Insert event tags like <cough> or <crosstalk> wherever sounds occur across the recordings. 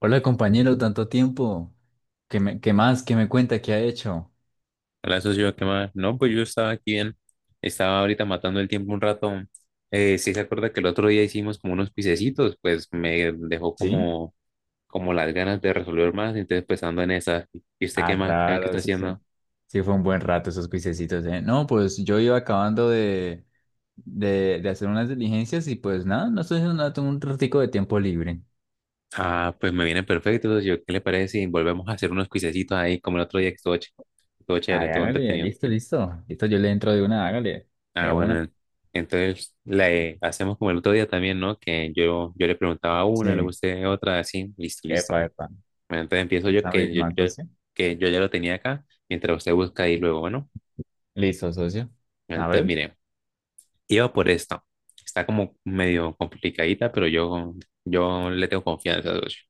Hola compañero, tanto tiempo. ¿Qué más? ¿Qué me cuenta? ¿Qué ha hecho? Hola, socio, ¿qué más? No, pues yo estaba aquí bien. Estaba ahorita matando el tiempo un rato. Sí se acuerda que el otro día hicimos como unos pisecitos, pues me dejó ¿Sí? como las ganas de resolver más, entonces pues ando en esa. ¿Y usted qué Ah, más? ¿Qué claro, está sí, sí. haciendo? Sí, fue un buen rato esos cuisecitos, ¿eh? No, pues yo iba acabando de hacer unas diligencias y pues nada, no estoy haciendo nada, tengo un ratico de tiempo libre. Ah, pues me viene perfecto, socio. ¿Qué le parece si volvemos a hacer unos pisecitos ahí como el otro día que estuvo chévere, Ay, estuvo hágale, entretenido? listo, listo. Listo, yo le entro de una, hágale, Ah, de una. bueno, entonces le hacemos como el otro día también, ¿no? Que yo le preguntaba una, luego Sí, usted otra, así, listo, epa, listo. epa. Bueno, entonces empiezo yo Esa misma, socio. que yo ya lo tenía acá, mientras usted busca y luego, bueno, Listo, socio. A entonces ver, mire, iba por esta. Está como medio complicadita, pero yo le tengo confianza, socio.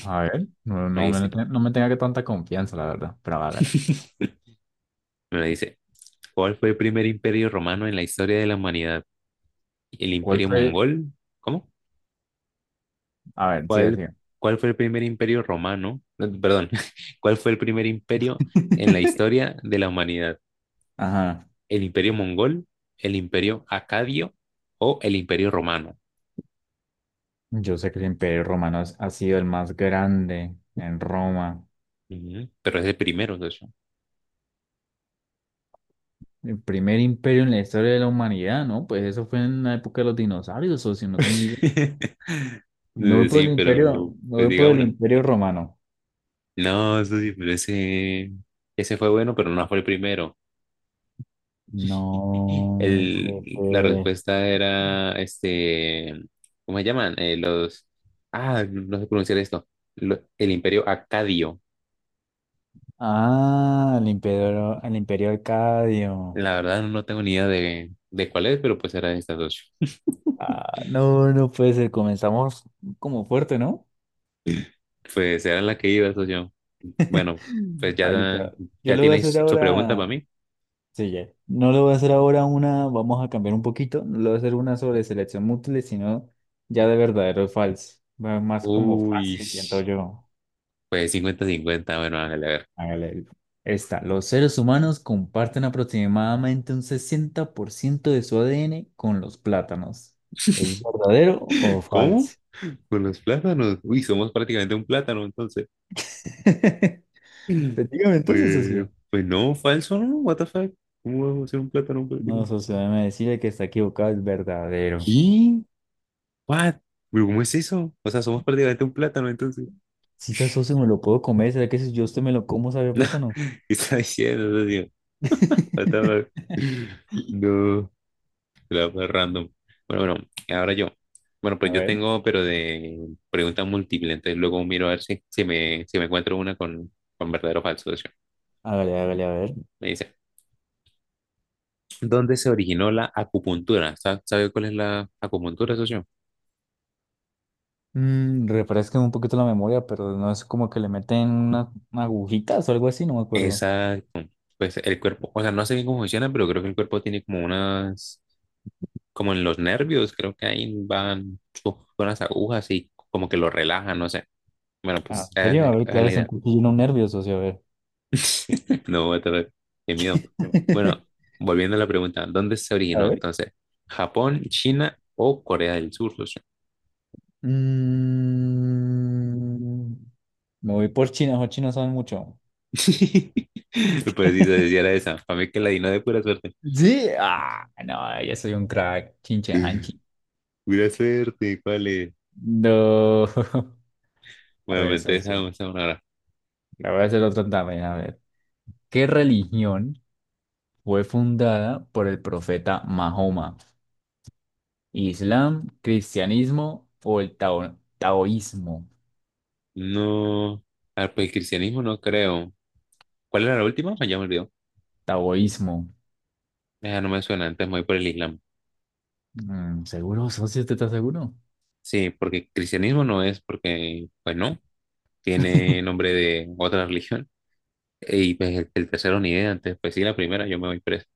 a ver. No, Me no me, dice, no me tenga que tanta confianza, la verdad, pero hágale. <laughs> me dice, ¿cuál fue el primer imperio romano en la historia de la humanidad? ¿El ¿Cuál imperio fue? mongol? ¿Cómo? A ver, sigue, ¿Cuál, sigue. cuál fue el primer imperio romano? No, perdón, <laughs> ¿cuál fue el primer imperio en la <laughs> historia de la humanidad? Ajá. ¿El imperio mongol? ¿El imperio acadio o el imperio romano? Yo sé que el Imperio Romano ha sido el más grande en Roma. Ujú, pero es de primeros, de <laughs> El primer imperio en la historia de la humanidad, ¿no? Pues eso fue en la época de los dinosaurios, o si no tengo idea. Me voy por sí, el imperio, pero Me pues voy por diga el una. imperio romano. No, eso sí, pero ese fue bueno, pero no fue el primero. <clears throat> No, pues, El, la respuesta era, este, ¿cómo se llaman? Los, ah, no sé pronunciar esto. El Imperio Acadio. Ah, el imperio arcadio. La verdad no tengo ni idea de cuál es, pero pues era de estas dos. Ah, no, no puede ser. Comenzamos como fuerte, ¿no? <laughs> Pues era la que iba, socio. Bueno, pues Mm. Ah, listo. ya, Yo ya le voy a hacer tienes su pregunta para ahora mí. Sí, ya. No le voy a hacer ahora una, vamos a cambiar un poquito, no le voy a hacer una sobre selección múltiple, sino ya de verdadero o falso. Va más como Uy. fácil, siento yo. Pues 50/50 bueno, Ángel, a ver. Hágale. Esta, los seres humanos comparten aproximadamente un 60% de su ADN con los plátanos. ¿Es verdadero o ¿Cómo? falso? Con los plátanos. Uy, somos prácticamente un plátano, entonces. <laughs> <clears throat> Efectivamente, entonces, Pues, socio. pues no, falso, ¿no? What the fuck? ¿Cómo vamos a ser un plátano No, prácticamente? socio, déjeme decirle que está equivocado, es verdadero. ¿Qué? What? ¿Pero cómo es eso? O sea, somos prácticamente un plátano, entonces. Si esa socio me lo puedo comer, ¿será que si yo a usted me lo como sabe a plátano? <laughs> ¿Qué está diciendo, tío? What the fuck? <laughs> No, la fue random. Bueno, bueno, ahora yo. Bueno, A pues yo ver. tengo, pero de pregunta múltiple, entonces luego miro a ver si me encuentro una con verdadero o falso, socio. Hágale, hágale, a ver. Me dice, ¿dónde se originó la acupuntura? ¿Sabe cuál es la acupuntura, socio? Mm, refresquen un poquito la memoria, pero no es como que le meten una agujitas o algo así, no me acuerdo. Exacto. Pues el cuerpo, o sea, no sé bien cómo funciona, pero creo que el cuerpo tiene como unas, como en los nervios, creo que ahí van unas agujas y como que lo relajan, no sé. Bueno, Ah. pues ¿En esa serio? A es ver, esa es claro, la es un idea. nervioso, nervios, socio, a ver. <laughs> No, voy a tener, qué miedo. Bueno, <laughs> volviendo a la pregunta, ¿dónde se A originó ver. entonces? ¿Japón, China o Corea del Sur, socio? Mm, me voy por China, los chinos saben mucho. <laughs> Pues sí, se decía era esa, para mí que la di, no de pura suerte. Sí. Ah, no, yo soy un crack. Chinche Hanchi. Pura suerte, ¿cuál es? No. <laughs> A Bueno, ver, entonces socio. hagamos esa una hora. La voy a hacer otra también. A ver. ¿Qué religión fue fundada por el profeta Mahoma? Islam, cristianismo o el taoísmo. No, ah, pues el cristianismo no creo. ¿Cuál era la última? Ya me olvidó. Taoísmo. Ah, no me suena, antes me voy por el islam. Mm, ¿seguro, socio? ¿Usted está seguro? Sí, porque cristianismo no es porque, pues no, tiene nombre de otra religión. Y pues el tercero ni idea, antes pues sí, la primera yo me voy presa.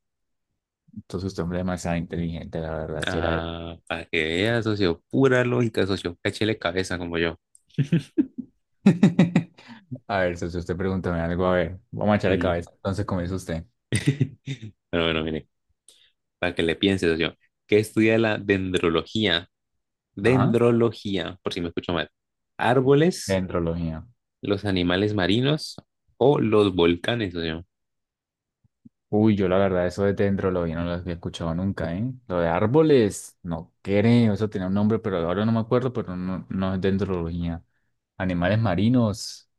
Entonces usted es hombre demasiado inteligente, la verdad, si era él. Ah, para que veas, socio, pura lógica, socio, cáchele cabeza como yo. <laughs> A ver, socio, usted pregúntame algo, a ver. Vamos a echarle Mm. cabeza. Entonces comienza usted. <laughs> Pero bueno, mire, para que le piense, socio. ¿Qué estudia la dendrología? Ajá. Dendrología, por si me escucho mal. Árboles, Dendrología. los animales marinos o los volcanes, socio. Uy, yo la verdad, eso de dendrología no lo había escuchado nunca, ¿eh? Lo de árboles, no creo, eso tenía un nombre, pero ahora no me acuerdo, pero no, no es dendrología. Animales marinos.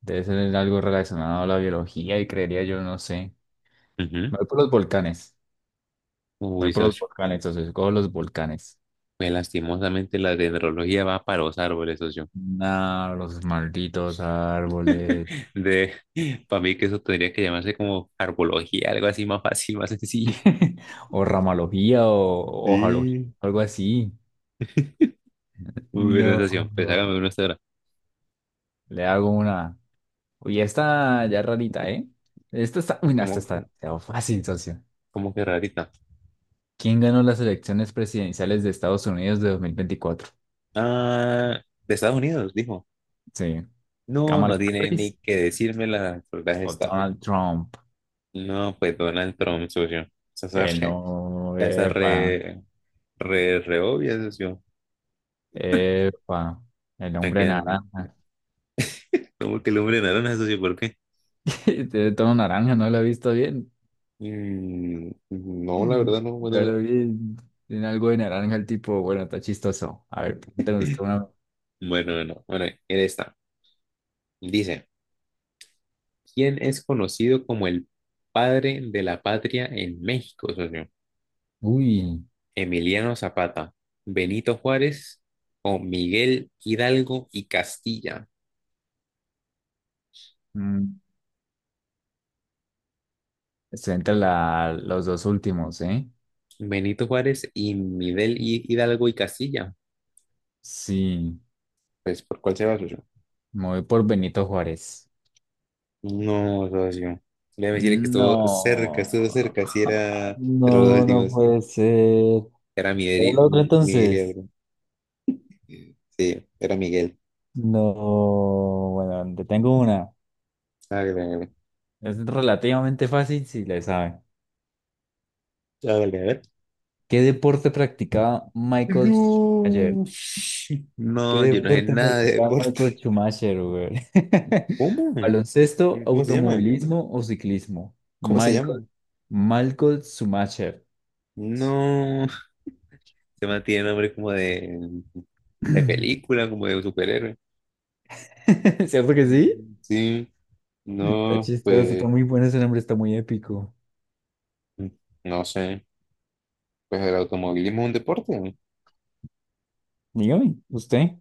Debe ser algo relacionado a la biología y creería yo, no sé. Ujú. Me voy por los volcanes. Me voy Uy, por los socio. volcanes, entonces escojo los volcanes. Pues lastimosamente la dendrología va para los árboles, socio. Nah, los malditos árboles. <laughs> De, para mí que eso tendría que llamarse como arbología, algo así más fácil, más sencillo. <laughs> O ramalogía o hojalogía, Sí. algo así. Muy buena socio. Pues No. hágame una hasta ahora. Le hago una. Uy, esta ya rarita, ¿eh? Esta está. Uy, no, ¿Cómo, esta está demasiado fácil, socio. cómo que rarita? ¿Quién ganó las elecciones presidenciales de Estados Unidos de 2024? Ah, de Estados Unidos, dijo. Sí. No, ¿Kamala no tiene ni Harris que decirme la verdad o está. Donald Trump? No, pues Donald Trump, socio. Esa es El re, no, esa es epa, re, re, re obvia, socio. epa, el La hombre que- naranja. ¿Cómo que el hombre naranja, socio? ¿Por qué? <laughs> Tiene tono naranja, no lo he visto bien. Mm, no, la verdad <clears throat> no Yo puedo. lo vi, tiene algo de naranja el tipo, bueno, está chistoso. A ver, pregúntame usted una. Bueno, no, bueno, él está. Dice, ¿quién es conocido como el padre de la patria en México, socio? Uy, Emiliano Zapata, Benito Juárez o Miguel Hidalgo y Castilla. mm, estoy entre la, los dos últimos, ¿eh? Benito Juárez y Hidalgo y Castilla. Sí, Pues, ¿por cuál se va, socio? me voy por Benito Juárez. No, socio. Déjame decirle que estuvo cerca, estuvo No, cerca. Si era <laughs> de los dos no, no últimos. puede ser. ¿Es Era Miguel, ¿El otro Miguel y entonces? algo. Sí, era Miguel. No, bueno, te tengo una. Hágale, hágale. Es relativamente fácil si le saben. Hágale, a ver. ¿Qué deporte practicaba Michael Schumacher? No. ¿Qué No, yo no sé deporte nada de practicaba deporte. Michael Schumacher, güey? <laughs> ¿Cómo? ¿Baloncesto, ¿Cómo se llama? automovilismo o ciclismo? ¿Cómo se llama? Michael, Michael Schumacher. No. Se mantiene nombre como de <clears throat> película, como de superhéroe. ¿Cierto que sí? Mm, sí. Está No, chistoso, está pues, muy bueno ese nombre, está muy épico. no sé. Pues el automovilismo es un deporte, ¿no? Dígame, ¿usted?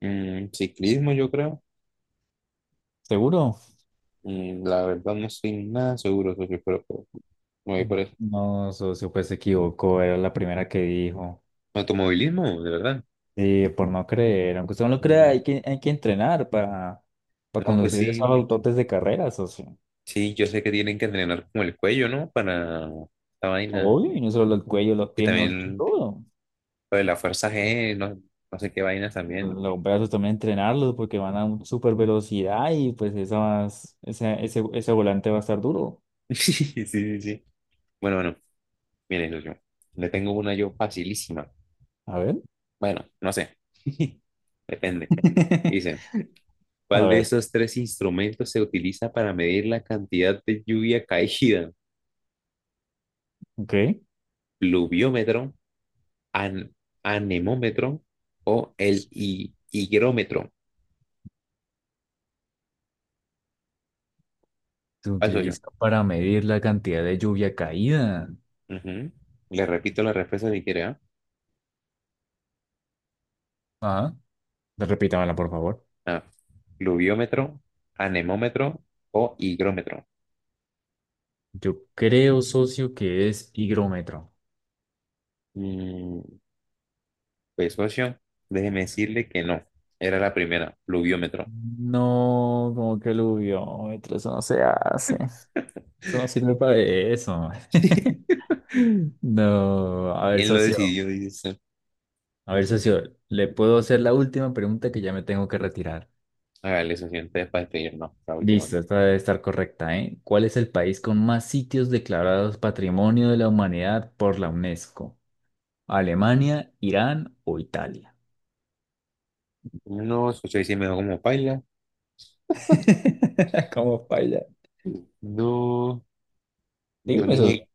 Mm, ciclismo, yo creo. ¿Seguro? Mm, la verdad no estoy nada seguro, socio, pero pues, me voy por eso. No, socio, pues se equivocó, era la primera que dijo. Automovilismo, de verdad. Sí, por no creer, aunque usted no lo crea, Mm, hay que entrenar para no, pues conducir esos sí, autotes de carreras, o sea, sí, yo sé que tienen que entrenar como el cuello, ¿no? Para esta vaina. obvio, y no solo el cuello, los Y pies, mejor dicho, también todo. lo de la fuerza G, no, no sé qué vainas Pues, también. los brazos también entrenarlos porque van a una super velocidad y pues esas, ese volante va a estar duro. <laughs> Sí, sí, sí. Bueno, bueno, mire, socio, le tengo una yo facilísima. A ver, Bueno, no sé. <laughs> Depende. <laughs> Dice, a ¿cuál de ver, esos tres instrumentos se utiliza para medir la cantidad de lluvia caída? ok. ¿Pluviómetro, an- anemómetro o el higrómetro? Se Paso yo. utiliza para medir la cantidad de lluvia caída. Ujú. Le repito la respuesta si quiere, ¿ah? Ajá. Repítamela, por favor. Ah, pluviómetro, anemómetro o higrómetro. Yo creo, socio, que es higrómetro. Mm, pues socio, déjeme decirle que no. Era la primera, pluviómetro. No, como que luviómetro, eso no se hace. Eso no sirve para eso. <laughs> Mm. No, a ver, ¿Quién lo socio. decidió? Dice, ¿usted? A ver, socio, le puedo hacer la última pregunta que ya me tengo que retirar. Hágale, socio, entonces para despedirnos, la última. Listo, esta debe estar correcta, ¿eh? ¿Cuál es el país con más sitios declarados Patrimonio de la Humanidad por la UNESCO? ¿Alemania, Irán o Italia? No, socio, ahí sí me dejó como paila. <laughs> ¿Cómo baila? No, yo Dígame, ni socio. sé,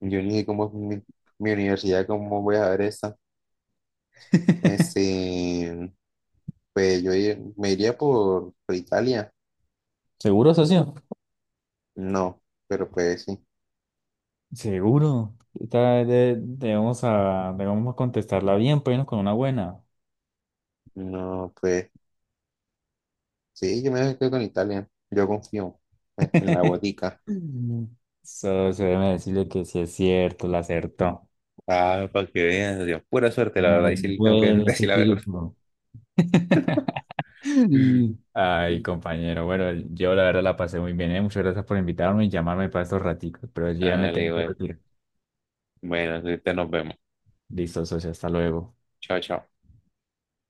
yo ni sé cómo es mi, mi universidad, cómo voy a ver esa. <laughs> Este, pues yo me iría por Italia. ¿Seguro, socio? No, pero pues sí. Seguro. Esta vez debemos, a, debemos contestarla bien, pues no con una buena. No, pues sí, yo me quedo con Italia. Yo confío en la <laughs> botica. Solo se debe decirle que sí es cierto, la acertó. Ah, para que veas, Dios, pura suerte, la verdad, y Muy sí tengo que <laughs> bueno ese decir la verdad. tipo. <laughs> <laughs> Ay, compañero, bueno, yo la verdad la pasé muy bien, ¿eh? Muchas gracias por invitarme y llamarme para estos raticos, pero yo ya me Dale, tengo que güey. retirar. Bueno, ahorita nos vemos. Listo, socio, hasta luego. Chao, chao.